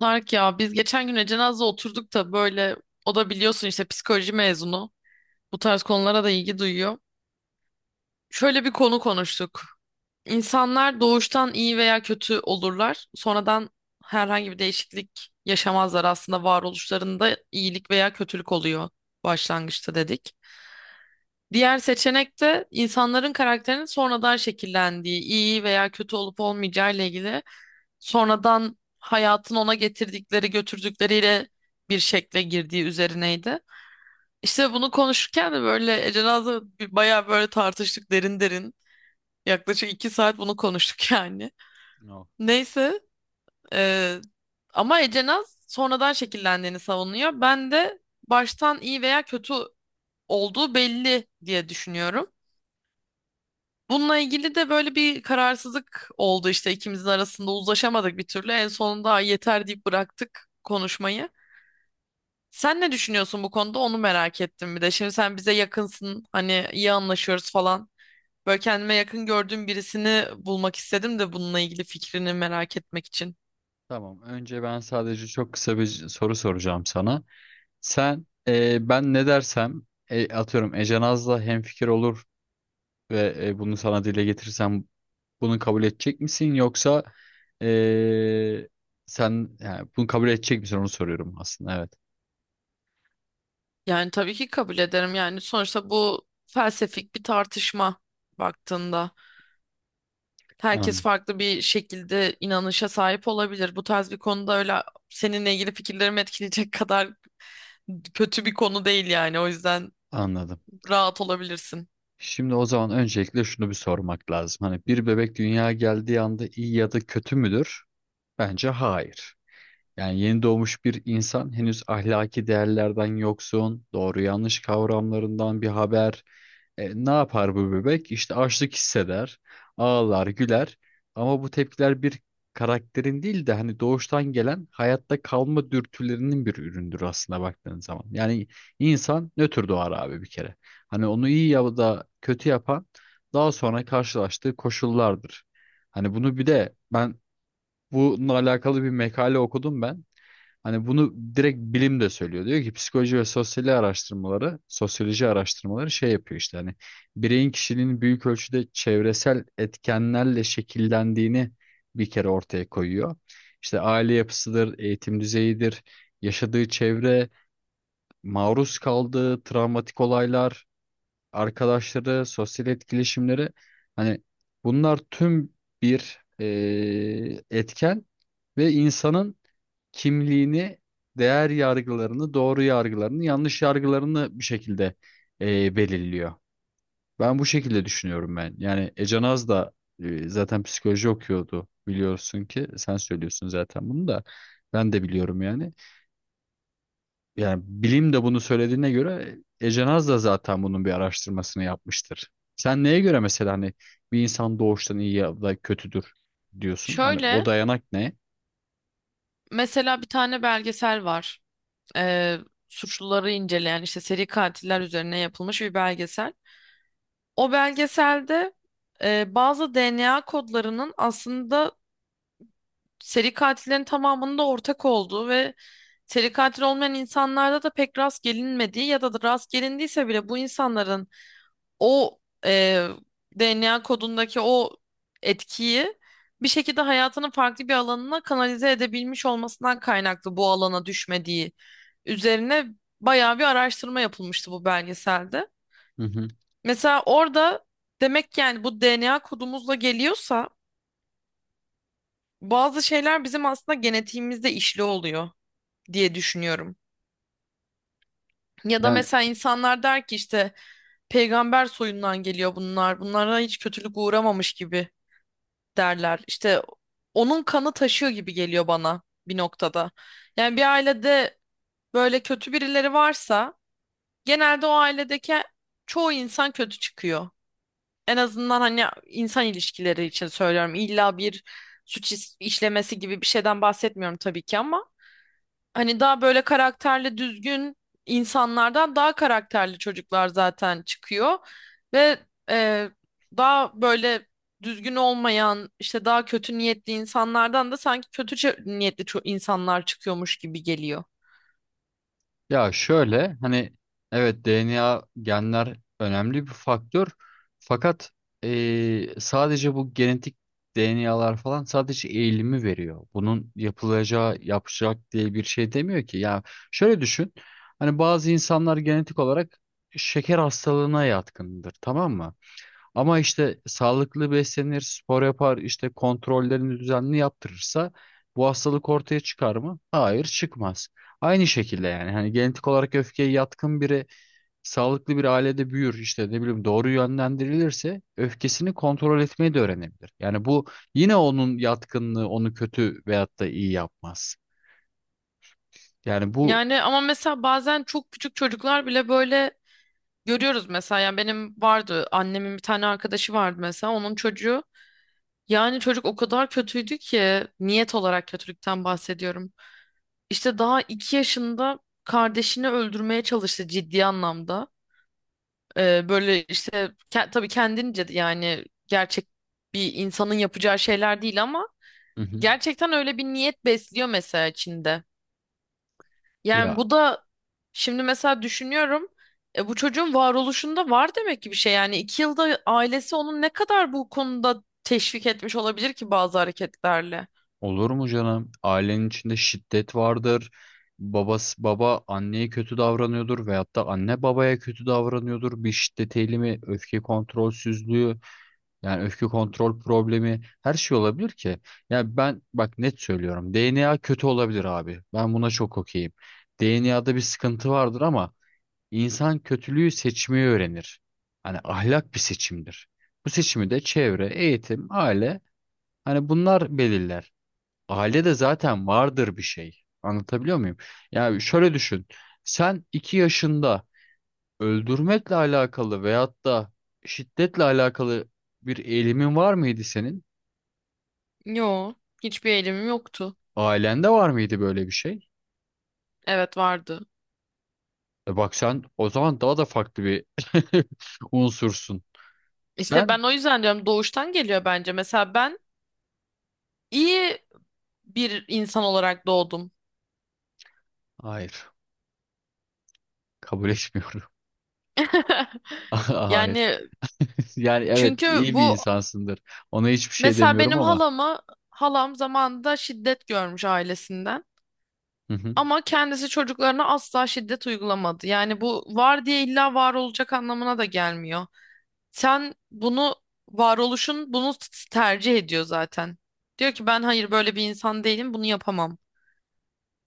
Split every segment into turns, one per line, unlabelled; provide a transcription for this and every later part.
Tarık ya biz geçen gün Ecenaz'la oturduk da böyle o da biliyorsun işte psikoloji mezunu. Bu tarz konulara da ilgi duyuyor. Şöyle bir konu konuştuk. İnsanlar doğuştan iyi veya kötü olurlar. Sonradan herhangi bir değişiklik yaşamazlar. Aslında varoluşlarında iyilik veya kötülük oluyor başlangıçta dedik. Diğer seçenek de insanların karakterinin sonradan şekillendiği, iyi veya kötü olup olmayacağı ile ilgili sonradan hayatın ona getirdikleri götürdükleriyle bir şekle girdiği üzerineydi. İşte bunu konuşurken de böyle Ece Naz'la bayağı böyle tartıştık derin derin. Yaklaşık 2 saat bunu konuştuk yani.
No.
Neyse e, ama Ece Naz sonradan şekillendiğini savunuyor. Ben de baştan iyi veya kötü olduğu belli diye düşünüyorum. Bununla ilgili de böyle bir kararsızlık oldu işte ikimizin arasında uzlaşamadık bir türlü. En sonunda "Ay yeter" deyip bıraktık konuşmayı. Sen ne düşünüyorsun bu konuda onu merak ettim bir de. Şimdi sen bize yakınsın hani iyi anlaşıyoruz falan. Böyle kendime yakın gördüğüm birisini bulmak istedim de bununla ilgili fikrini merak etmek için.
Tamam. Önce ben sadece çok kısa bir soru soracağım sana. Sen ben ne dersem atıyorum Ece Naz'la hemfikir olur ve bunu sana dile getirirsem bunu kabul edecek misin yoksa e, sen yani bunu kabul edecek misin onu soruyorum aslında evet.
Yani tabii ki kabul ederim. Yani sonuçta bu felsefik bir tartışma baktığında. Herkes
An-
farklı bir şekilde inanışa sahip olabilir. Bu tarz bir konuda öyle seninle ilgili fikirlerimi etkileyecek kadar kötü bir konu değil yani. O yüzden
Anladım.
rahat olabilirsin.
Şimdi o zaman öncelikle şunu bir sormak lazım. Hani bir bebek dünyaya geldiği anda iyi ya da kötü müdür? Bence hayır. Yani yeni doğmuş bir insan henüz ahlaki değerlerden yoksun, doğru yanlış kavramlarından bir haber. Ne yapar bu bebek? İşte açlık hisseder, ağlar, güler. Ama bu tepkiler bir karakterin değil de hani doğuştan gelen hayatta kalma dürtülerinin bir üründür aslında baktığın zaman. Yani insan nötr doğar abi bir kere. Hani onu iyi ya da kötü yapan daha sonra karşılaştığı koşullardır. Hani bunu bir de ben bununla alakalı bir makale okudum ben. Hani bunu direkt bilim de söylüyor. Diyor ki psikoloji ve sosyoloji araştırmaları, sosyoloji araştırmaları şey yapıyor işte hani bireyin kişiliğinin büyük ölçüde çevresel etkenlerle şekillendiğini bir kere ortaya koyuyor. İşte aile yapısıdır, eğitim düzeyidir, yaşadığı çevre, maruz kaldığı travmatik olaylar, arkadaşları, sosyal etkileşimleri hani bunlar tüm bir etken ve insanın kimliğini, değer yargılarını, doğru yargılarını, yanlış yargılarını bir şekilde belirliyor. Ben bu şekilde düşünüyorum ben. Yani Ece Naz da zaten psikoloji okuyordu biliyorsun ki sen söylüyorsun zaten bunu da ben de biliyorum yani. Yani bilim de bunu söylediğine göre Ece Naz da zaten bunun bir araştırmasını yapmıştır. Sen neye göre mesela hani bir insan doğuştan iyi ya da kötüdür diyorsun? Hani o
Şöyle
dayanak ne?
mesela bir tane belgesel var. Ee, suçluları inceleyen işte seri katiller üzerine yapılmış bir belgesel. O belgeselde bazı DNA kodlarının aslında seri katillerin tamamında ortak olduğu ve seri katil olmayan insanlarda da pek rast gelinmediği ya da rast gelindiyse bile bu insanların o e, DNA kodundaki o etkiyi bir şekilde hayatının farklı bir alanına kanalize edebilmiş olmasından kaynaklı bu alana düşmediği üzerine bayağı bir araştırma yapılmıştı bu belgeselde.
Hı hı.
Mesela orada demek ki yani bu DNA kodumuzla geliyorsa bazı şeyler bizim aslında genetiğimizde işli oluyor diye düşünüyorum. Ya da
Yani
mesela insanlar der ki işte peygamber soyundan geliyor bunlar. Bunlara hiç kötülük uğramamış gibi derler. İşte onun kanı taşıyor gibi geliyor bana bir noktada. Yani bir ailede böyle kötü birileri varsa genelde o ailedeki çoğu insan kötü çıkıyor. En azından hani insan ilişkileri için söylüyorum. İlla bir suç işlemesi gibi bir şeyden bahsetmiyorum tabii ki ama hani daha böyle karakterli düzgün insanlardan daha karakterli çocuklar zaten çıkıyor ve e, daha böyle düzgün olmayan işte daha kötü niyetli insanlardan da sanki kötü niyetli insanlar çıkıyormuş gibi geliyor.
Ya şöyle hani evet DNA genler önemli bir faktör fakat sadece bu genetik DNA'lar falan sadece eğilimi veriyor. Bunun yapılacağı yapacak diye bir şey demiyor ki. Ya şöyle düşün hani bazı insanlar genetik olarak şeker hastalığına yatkındır, tamam mı? Ama işte sağlıklı beslenir, spor yapar, işte kontrollerini düzenli yaptırırsa bu hastalık ortaya çıkar mı? Hayır, çıkmaz. Aynı şekilde yani hani genetik olarak öfkeye yatkın biri sağlıklı bir ailede büyür işte ne bileyim doğru yönlendirilirse öfkesini kontrol etmeyi de öğrenebilir. Yani bu yine onun yatkınlığı onu kötü veyahut da iyi yapmaz. Yani bu
Yani ama mesela bazen çok küçük çocuklar bile böyle görüyoruz mesela yani benim vardı annemin bir tane arkadaşı vardı mesela onun çocuğu yani çocuk o kadar kötüydü ki niyet olarak kötülükten bahsediyorum. İşte daha 2 yaşında kardeşini öldürmeye çalıştı ciddi anlamda. Böyle işte tabii kendince yani gerçek bir insanın yapacağı şeyler değil ama
Hı hı.
gerçekten öyle bir niyet besliyor mesela içinde. Yani
Ya
bu da şimdi mesela düşünüyorum bu çocuğun varoluşunda var demek ki bir şey yani 2 yılda ailesi onu ne kadar bu konuda teşvik etmiş olabilir ki bazı hareketlerle.
olur mu canım? Ailenin içinde şiddet vardır. Babası baba anneye kötü davranıyordur veyahut da anne babaya kötü davranıyordur. Bir şiddet eğilimi, öfke kontrolsüzlüğü, yani öfke kontrol problemi her şey olabilir ki. Yani ben bak net söylüyorum. DNA kötü olabilir abi. Ben buna çok okeyim. DNA'da bir sıkıntı vardır ama insan kötülüğü seçmeyi öğrenir. Hani ahlak bir seçimdir. Bu seçimi de çevre, eğitim, aile hani bunlar belirler. Ailede zaten vardır bir şey. Anlatabiliyor muyum? Yani şöyle düşün. Sen 2 yaşında öldürmekle alakalı veyahut da şiddetle alakalı bir eğilimin var mıydı senin?
Yo, hiçbir eğilimim yoktu.
Ailende var mıydı böyle bir şey?
Evet, vardı.
E bak sen o zaman daha da farklı bir unsursun.
İşte
Sen?
ben o yüzden diyorum doğuştan geliyor bence. Mesela ben iyi bir insan olarak doğdum.
Hayır. Kabul etmiyorum. Hayır.
Yani
Yani evet
çünkü
iyi bir
bu
insansındır. Ona hiçbir şey
mesela
demiyorum
benim
ama.
halam zamanında şiddet görmüş ailesinden.
Hı hı.
Ama kendisi çocuklarına asla şiddet uygulamadı. Yani bu var diye illa var olacak anlamına da gelmiyor. Sen bunu varoluşun bunu tercih ediyor zaten. Diyor ki ben hayır böyle bir insan değilim bunu yapamam.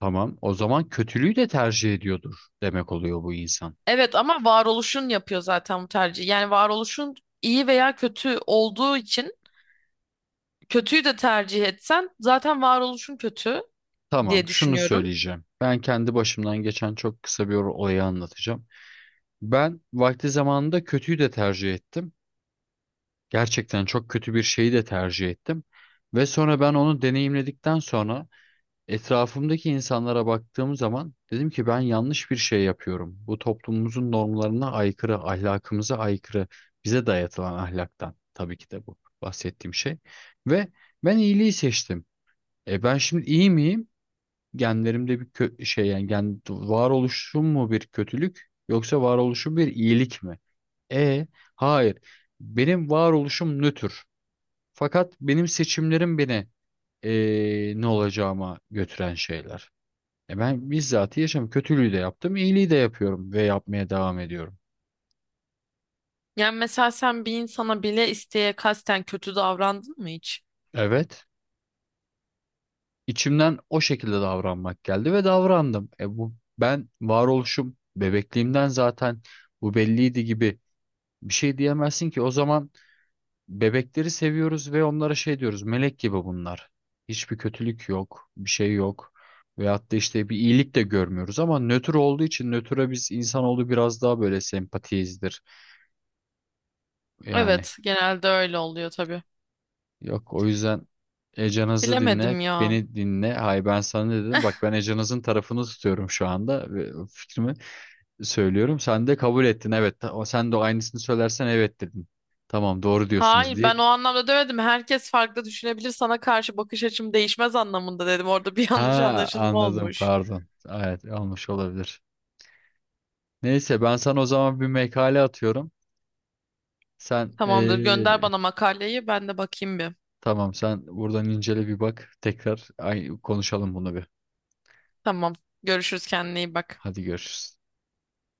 Tamam. O zaman kötülüğü de tercih ediyordur demek oluyor bu insan.
Evet ama varoluşun yapıyor zaten bu tercihi. Yani varoluşun iyi veya kötü olduğu için kötüyü de tercih etsen zaten varoluşun kötü
Tamam,
diye
şunu
düşünüyorum.
söyleyeceğim. Ben kendi başımdan geçen çok kısa bir olayı anlatacağım. Ben vakti zamanında kötüyü de tercih ettim. Gerçekten çok kötü bir şeyi de tercih ettim. Ve sonra ben onu deneyimledikten sonra etrafımdaki insanlara baktığım zaman dedim ki ben yanlış bir şey yapıyorum. Bu toplumumuzun normlarına aykırı, ahlakımıza aykırı, bize dayatılan ahlaktan tabii ki de bu bahsettiğim şey. Ve ben iyiliği seçtim. E ben şimdi iyi miyim? Genlerimde bir şey, yani gen varoluşum mu bir kötülük yoksa varoluşum bir iyilik mi? E hayır. Benim varoluşum nötr. Fakat benim seçimlerim beni ne olacağıma götüren şeyler. E ben bizzat yaşam kötülüğü de yaptım, iyiliği de yapıyorum ve yapmaya devam ediyorum.
Yani mesela sen bir insana bile isteye kasten kötü davrandın mı hiç?
Evet, içimden o şekilde davranmak geldi ve davrandım. E bu ben varoluşum bebekliğimden zaten bu belliydi gibi bir şey diyemezsin ki o zaman. Bebekleri seviyoruz ve onlara şey diyoruz. Melek gibi bunlar. Hiçbir kötülük yok, bir şey yok. Veyahut da işte bir iyilik de görmüyoruz ama nötr olduğu için nötre biz insanoğlu biraz daha böyle sempatiyizdir. Yani
Evet, genelde öyle oluyor tabii.
yok o yüzden Ecanız'ı dinle,
Bilemedim ya.
beni dinle. Hayır, ben sana ne dedim? Bak ben Ecanız'ın tarafını tutuyorum şu anda ve fikrimi söylüyorum. Sen de kabul ettin evet. Sen de aynısını söylersen evet dedin. Tamam doğru diyorsunuz
Hayır,
diye.
ben o anlamda demedim. Herkes farklı düşünebilir. Sana karşı bakış açım değişmez anlamında dedim. Orada bir
Ha
yanlış anlaşılma
anladım,
olmuş.
pardon. Evet olmuş olabilir. Neyse ben sana o zaman bir makale atıyorum. Sen
Tamamdır, gönder bana makaleyi. Ben de bakayım bir.
tamam sen buradan incele bir bak. Tekrar ay, konuşalım bunu bir.
Tamam. Görüşürüz, kendine iyi bak.
Hadi görüşürüz.